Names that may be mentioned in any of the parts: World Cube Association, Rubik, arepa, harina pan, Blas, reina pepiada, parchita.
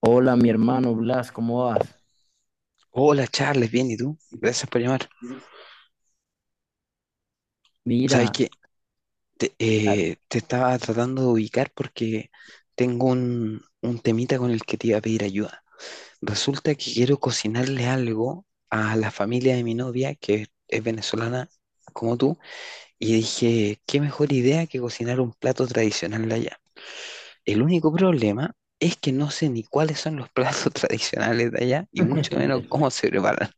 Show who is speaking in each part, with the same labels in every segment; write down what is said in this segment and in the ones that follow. Speaker 1: Hola, mi hermano Blas, ¿cómo vas?
Speaker 2: Hola Charles, bien, ¿y tú? Gracias por llamar. Sabes
Speaker 1: Mira,
Speaker 2: que te estaba tratando de ubicar porque tengo un temita con el que te iba a pedir ayuda. Resulta que quiero cocinarle algo a la familia de mi novia, que es venezolana como tú, y dije, qué mejor idea que cocinar un plato tradicional de allá. El único problema es que no sé ni cuáles son los platos tradicionales de allá y mucho menos cómo se preparan.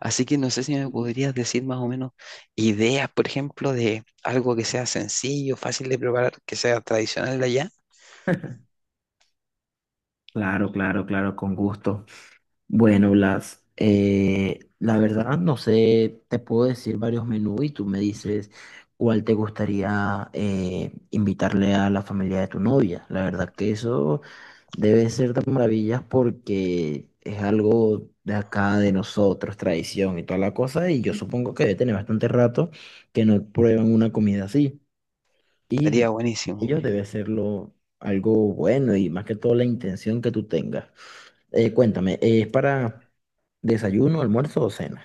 Speaker 2: Así que no sé si me podrías decir más o menos ideas, por ejemplo, de algo que sea sencillo, fácil de preparar, que sea tradicional de allá.
Speaker 1: claro, claro, claro, con gusto. Bueno, Blas, la verdad no sé, te puedo decir varios menús y tú me dices cuál te gustaría invitarle a la familia de tu novia. La verdad que eso debe ser de maravillas porque es algo de acá, de nosotros, tradición y toda la cosa, y yo supongo que debe tener bastante rato que no prueban una comida así. Y de-
Speaker 2: Estaría buenísimo.
Speaker 1: Ellos debe serlo algo bueno y más que todo la intención que tú tengas. Cuéntame, ¿es para desayuno, almuerzo o cena?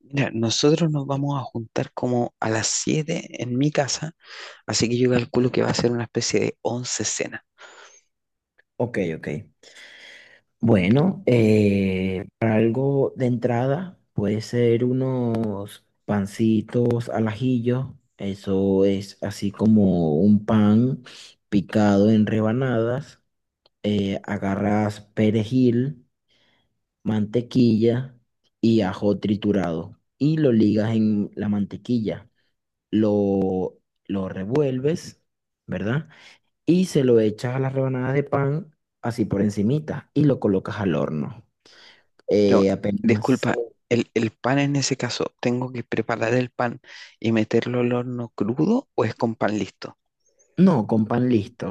Speaker 2: Mira, nosotros nos vamos a juntar como a las 7 en mi casa, así que yo calculo que va a ser una especie de once cena.
Speaker 1: Ok, ok. Bueno, para algo de entrada puede ser unos pancitos al ajillo. Eso es así como un pan picado en rebanadas. Agarras perejil, mantequilla y ajo triturado y lo ligas en la mantequilla. Lo, lo revuelves, ¿verdad? Y se lo echas a las rebanadas de pan así por encimita y lo colocas al horno.
Speaker 2: Pero,
Speaker 1: Eh, apenas...
Speaker 2: disculpa, el pan en ese caso, ¿tengo que preparar el pan y meterlo al horno crudo o es con pan listo?
Speaker 1: No, con pan listo.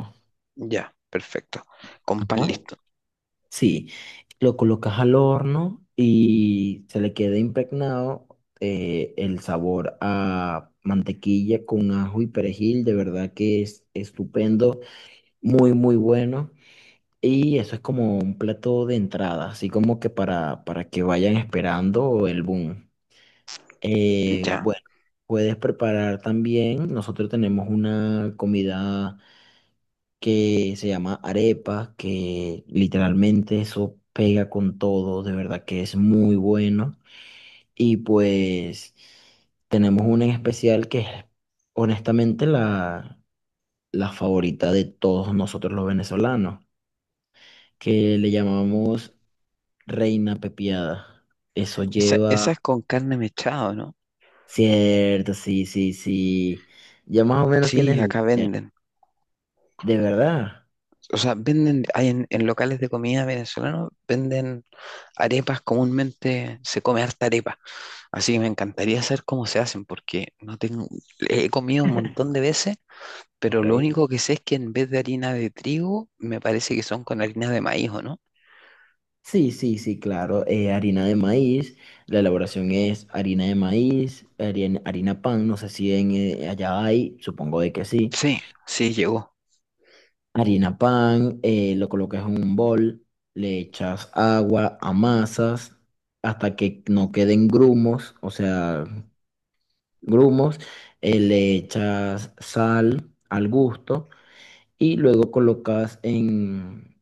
Speaker 2: Ya, perfecto. Con pan
Speaker 1: Ajá.
Speaker 2: listo.
Speaker 1: Sí, lo colocas al horno y se le queda impregnado el sabor a mantequilla con ajo y perejil. De verdad que es estupendo. Muy, muy bueno. Y eso es como un plato de entrada, así como que para que vayan esperando el boom. Eh,
Speaker 2: Ya.
Speaker 1: bueno, puedes preparar también, nosotros tenemos una comida que se llama arepa, que literalmente eso pega con todo, de verdad que es muy bueno. Y pues tenemos una en especial que es honestamente la favorita de todos nosotros los venezolanos que le llamamos reina pepiada. Eso
Speaker 2: Esa,
Speaker 1: lleva...
Speaker 2: esa es con carne mechada, ¿no?
Speaker 1: Cierto, sí, sí, sí. Ya más o menos tienes
Speaker 2: Sí,
Speaker 1: la
Speaker 2: acá
Speaker 1: idea.
Speaker 2: venden.
Speaker 1: De verdad.
Speaker 2: O sea, venden, hay en locales de comida venezolano, venden arepas, comúnmente se come harta arepa. Así que me encantaría saber cómo se hacen, porque no tengo, he comido un montón de veces,
Speaker 1: Ok.
Speaker 2: pero lo único que sé es que en vez de harina de trigo, me parece que son con harina de maíz, ¿o no?
Speaker 1: Sí, sí, sí, claro. Eh, harina de maíz. La elaboración es harina de maíz, harina, harina pan. No sé si allá hay, supongo de que sí.
Speaker 2: Sí, sí, llegó.
Speaker 1: Harina pan, lo colocas en un bol, le echas agua, amasas hasta que no queden grumos, o sea, grumos, le echas sal al gusto y luego colocas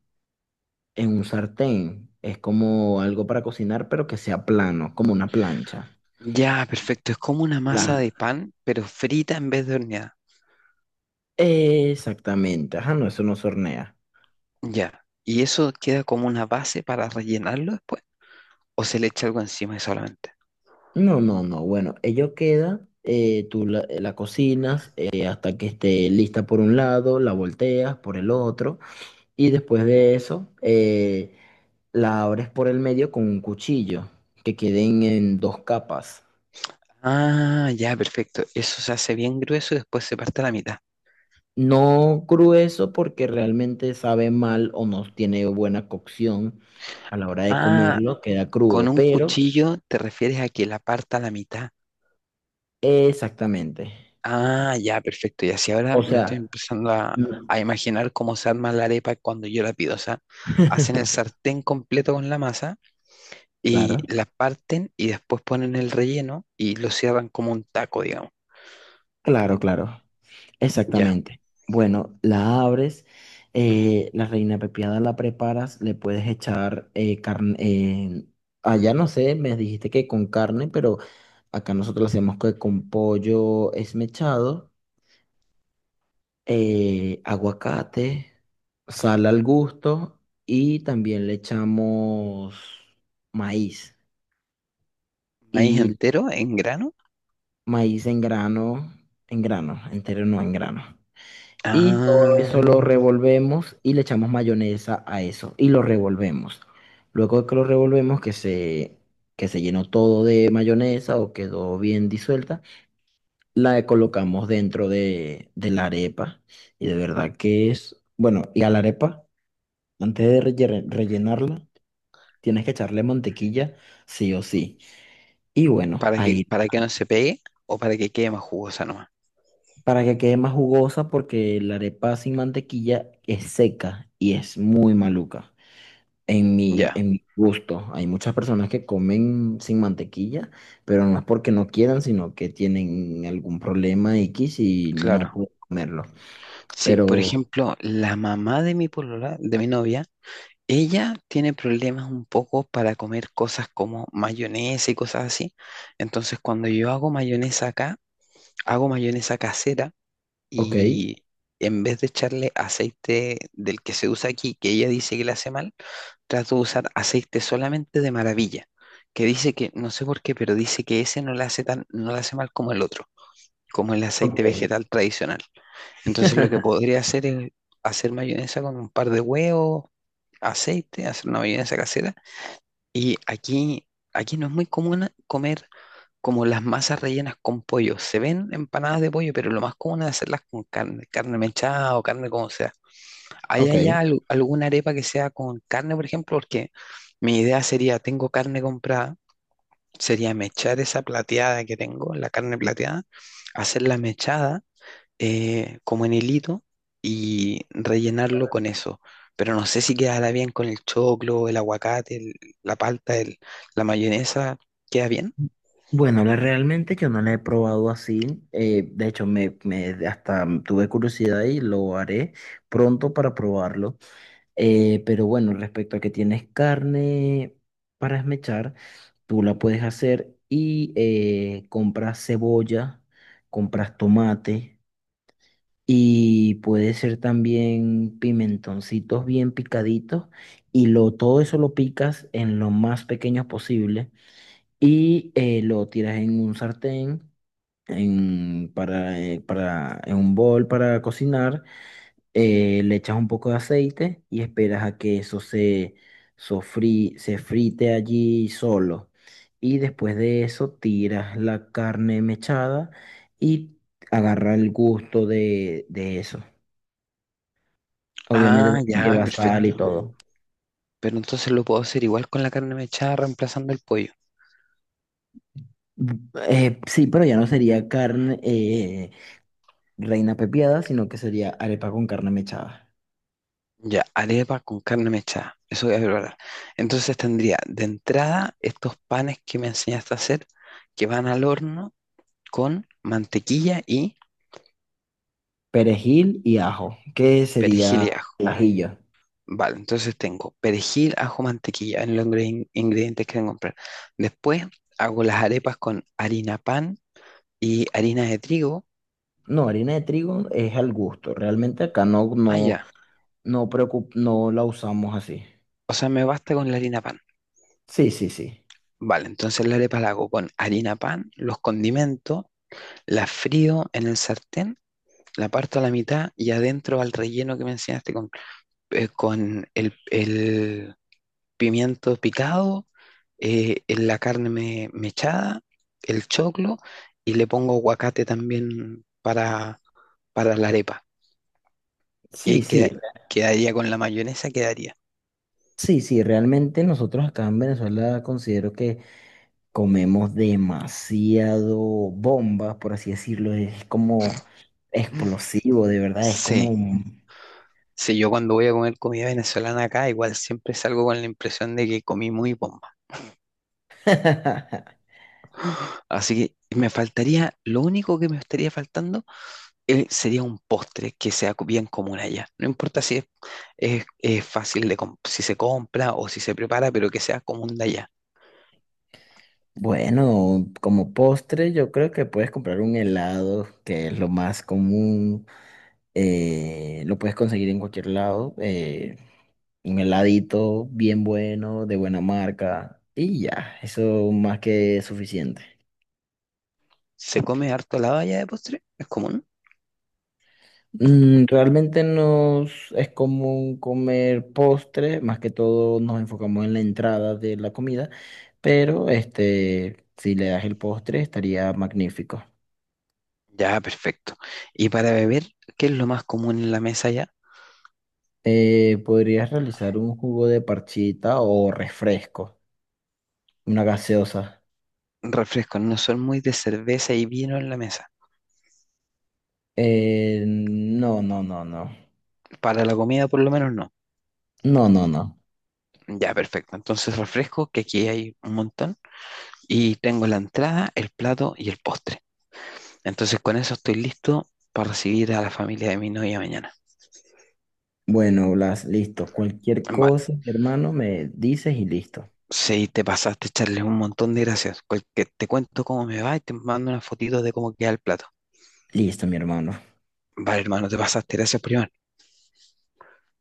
Speaker 1: en un sartén. Es como algo para cocinar, pero que sea plano, como una plancha.
Speaker 2: Ya, perfecto. Es como una
Speaker 1: Mm.
Speaker 2: masa de
Speaker 1: La...
Speaker 2: pan, pero frita en vez de horneada.
Speaker 1: Exactamente, ajá, no, eso no se hornea.
Speaker 2: Ya. ¿Y eso queda como una base para rellenarlo después? ¿O se le echa algo encima solamente?
Speaker 1: No, no, no, bueno, ello queda, tú la cocinas hasta que esté lista por un lado, la volteas por el otro y después de eso... la abres por el medio con un cuchillo, que queden en dos capas.
Speaker 2: Ah, ya, perfecto. Eso se hace bien grueso y después se parte a la mitad.
Speaker 1: No grueso porque realmente sabe mal o no tiene buena cocción a la hora de
Speaker 2: Ah,
Speaker 1: comerlo, queda
Speaker 2: con
Speaker 1: crudo,
Speaker 2: un
Speaker 1: pero
Speaker 2: cuchillo te refieres a que la parta a la mitad.
Speaker 1: exactamente.
Speaker 2: Ah, ya, perfecto. Y así ahora
Speaker 1: O
Speaker 2: me estoy
Speaker 1: sea,
Speaker 2: empezando
Speaker 1: no.
Speaker 2: a imaginar cómo se arma la arepa cuando yo la pido. O sea, hacen el sartén completo con la masa y
Speaker 1: Claro,
Speaker 2: la parten y después ponen el relleno y lo cierran como un taco, digamos.
Speaker 1: claro, claro.
Speaker 2: Ya.
Speaker 1: Exactamente. Bueno, la abres, la reina pepiada la preparas, le puedes echar carne, allá no sé, me dijiste que con carne, pero acá nosotros lo hacemos que con pollo esmechado, aguacate, sal al gusto y también le echamos maíz
Speaker 2: Maíz
Speaker 1: y
Speaker 2: entero en grano.
Speaker 1: maíz en grano, entero no en grano. Y todo
Speaker 2: Ah,
Speaker 1: eso lo revolvemos y le echamos mayonesa a eso y lo revolvemos. Luego de que lo revolvemos, que se llenó todo de mayonesa o quedó bien disuelta, la colocamos dentro de la arepa. Y de verdad que es, bueno, y a la arepa, antes de rellenarla, tienes que echarle mantequilla, sí o sí. Y bueno,
Speaker 2: para que,
Speaker 1: ahí
Speaker 2: para que no se pegue o para que quede más jugosa nomás.
Speaker 1: para que quede más jugosa porque la arepa sin mantequilla es seca y es muy maluca. En mi,
Speaker 2: Ya,
Speaker 1: en mi gusto, hay muchas personas que comen sin mantequilla, pero no es porque no quieran, sino que tienen algún problema X y no
Speaker 2: claro.
Speaker 1: pueden comerlo.
Speaker 2: Sí, por
Speaker 1: Pero,
Speaker 2: ejemplo, la mamá de mi polola, de mi novia, ella tiene problemas un poco para comer cosas como mayonesa y cosas así. Entonces, cuando yo hago mayonesa acá, hago mayonesa casera
Speaker 1: ok,
Speaker 2: y en vez de echarle aceite del que se usa aquí, que ella dice que le hace mal, trato de usar aceite solamente de maravilla, que dice que, no sé por qué, pero dice que ese no le hace tan, no le hace mal como el otro, como el
Speaker 1: ok,
Speaker 2: aceite vegetal tradicional. Entonces lo que podría hacer es hacer mayonesa con un par de huevos, aceite, hacer una mayonesa casera. Y aquí no es muy común comer como las masas rellenas con pollo. Se ven empanadas de pollo, pero lo más común es hacerlas con carne, carne mechada o carne como sea. ¿Hay
Speaker 1: ok.
Speaker 2: allá alguna arepa que sea con carne, por ejemplo? Porque mi idea sería, tengo carne comprada, sería mechar esa plateada que tengo, la carne plateada, hacerla mechada como en hilito y rellenarlo con eso. Pero no sé si quedará bien con el choclo, el aguacate, la palta, la mayonesa. ¿Queda bien?
Speaker 1: Bueno, la- realmente yo no la he probado así. Eh, de hecho, hasta tuve curiosidad y lo haré pronto para probarlo. Pero bueno, respecto a que tienes carne para esmechar, tú la puedes hacer y compras cebolla, compras tomate y puede ser también pimentoncitos bien picaditos todo eso lo picas en lo más pequeño posible y lo tiras en un sartén, en un bol para cocinar le echas un poco de aceite y esperas a que eso se frite allí solo. Y después de eso tiras la carne mechada y agarra el gusto de eso. Obviamente
Speaker 2: Ah,
Speaker 1: también
Speaker 2: ya,
Speaker 1: lleva sal y
Speaker 2: perfecto.
Speaker 1: todo.
Speaker 2: Pero entonces lo puedo hacer igual con la carne mechada, reemplazando el pollo.
Speaker 1: Sí, pero ya no sería carne reina pepiada, sino que sería arepa con carne mechada,
Speaker 2: Ya, arepa con carne mechada. Eso voy a preparar. Entonces tendría de entrada estos panes que me enseñaste a hacer, que van al horno con mantequilla y
Speaker 1: perejil y ajo, que
Speaker 2: perejil
Speaker 1: sería
Speaker 2: y ajo.
Speaker 1: ajillo.
Speaker 2: Vale, entonces tengo perejil, ajo, mantequilla en los ingredientes que tengo que comprar. Después hago las arepas con harina pan y harina de trigo.
Speaker 1: No, harina de trigo es al gusto. Realmente acá no,
Speaker 2: Ah,
Speaker 1: no,
Speaker 2: ya.
Speaker 1: no, no la usamos así.
Speaker 2: O sea, me basta con la harina pan.
Speaker 1: Sí, sí, sí.
Speaker 2: Vale, entonces la arepa la hago con harina pan, los condimentos, la frío en el sartén, la parto a la mitad y adentro al relleno que me enseñaste con el pimiento picado, en la carne mechada, el choclo y le pongo aguacate también para la arepa. Y
Speaker 1: Sí,
Speaker 2: ahí
Speaker 1: sí. Re-
Speaker 2: quedaría con la mayonesa, quedaría.
Speaker 1: sí, sí. Realmente nosotros acá en Venezuela considero que comemos demasiado bombas, por así decirlo. Es como explosivo, de verdad. Es como...
Speaker 2: Sí,
Speaker 1: un-
Speaker 2: sí, yo cuando voy a comer comida venezolana acá, igual siempre salgo con la impresión de que comí muy bomba. Así que me faltaría, lo único que me estaría faltando sería un postre que sea bien común allá. No importa si es, es fácil de, si se compra o si se prepara, pero que sea común de allá.
Speaker 1: Bueno, como postre yo creo que puedes comprar un helado, que es lo más común. Eh, lo puedes conseguir en cualquier lado. Eh, un heladito bien bueno, de buena marca, y ya, eso más que suficiente.
Speaker 2: ¿Se come harto helado allá de postre? ¿Es común?
Speaker 1: Mm, realmente nos es común comer postre, más que todo nos enfocamos en la entrada de la comida, pero este, si le das el postre estaría magnífico.
Speaker 2: Ya, perfecto. Y para Sí. beber, ¿qué es lo más común en la mesa allá?
Speaker 1: Podrías realizar un jugo de parchita o refresco, una gaseosa.
Speaker 2: Refrescos, no son muy de cerveza y vino en la mesa.
Speaker 1: No, no, no, no.
Speaker 2: Para la comida, por lo menos, no.
Speaker 1: No, no, no.
Speaker 2: Ya, perfecto. Entonces, refresco, que aquí hay un montón. Y tengo la entrada, el plato y el postre. Entonces, con eso estoy listo para recibir a la familia de mi novia mañana.
Speaker 1: Bueno, Blas, listo. Cualquier
Speaker 2: Vale.
Speaker 1: cosa, mi hermano, me dices y listo.
Speaker 2: Si te pasaste, echarles un montón de gracias. Te cuento cómo me va y te mando unas fotitos de cómo queda el plato.
Speaker 1: Listo, mi hermano.
Speaker 2: Vale, hermano, te pasaste. Gracias, primo.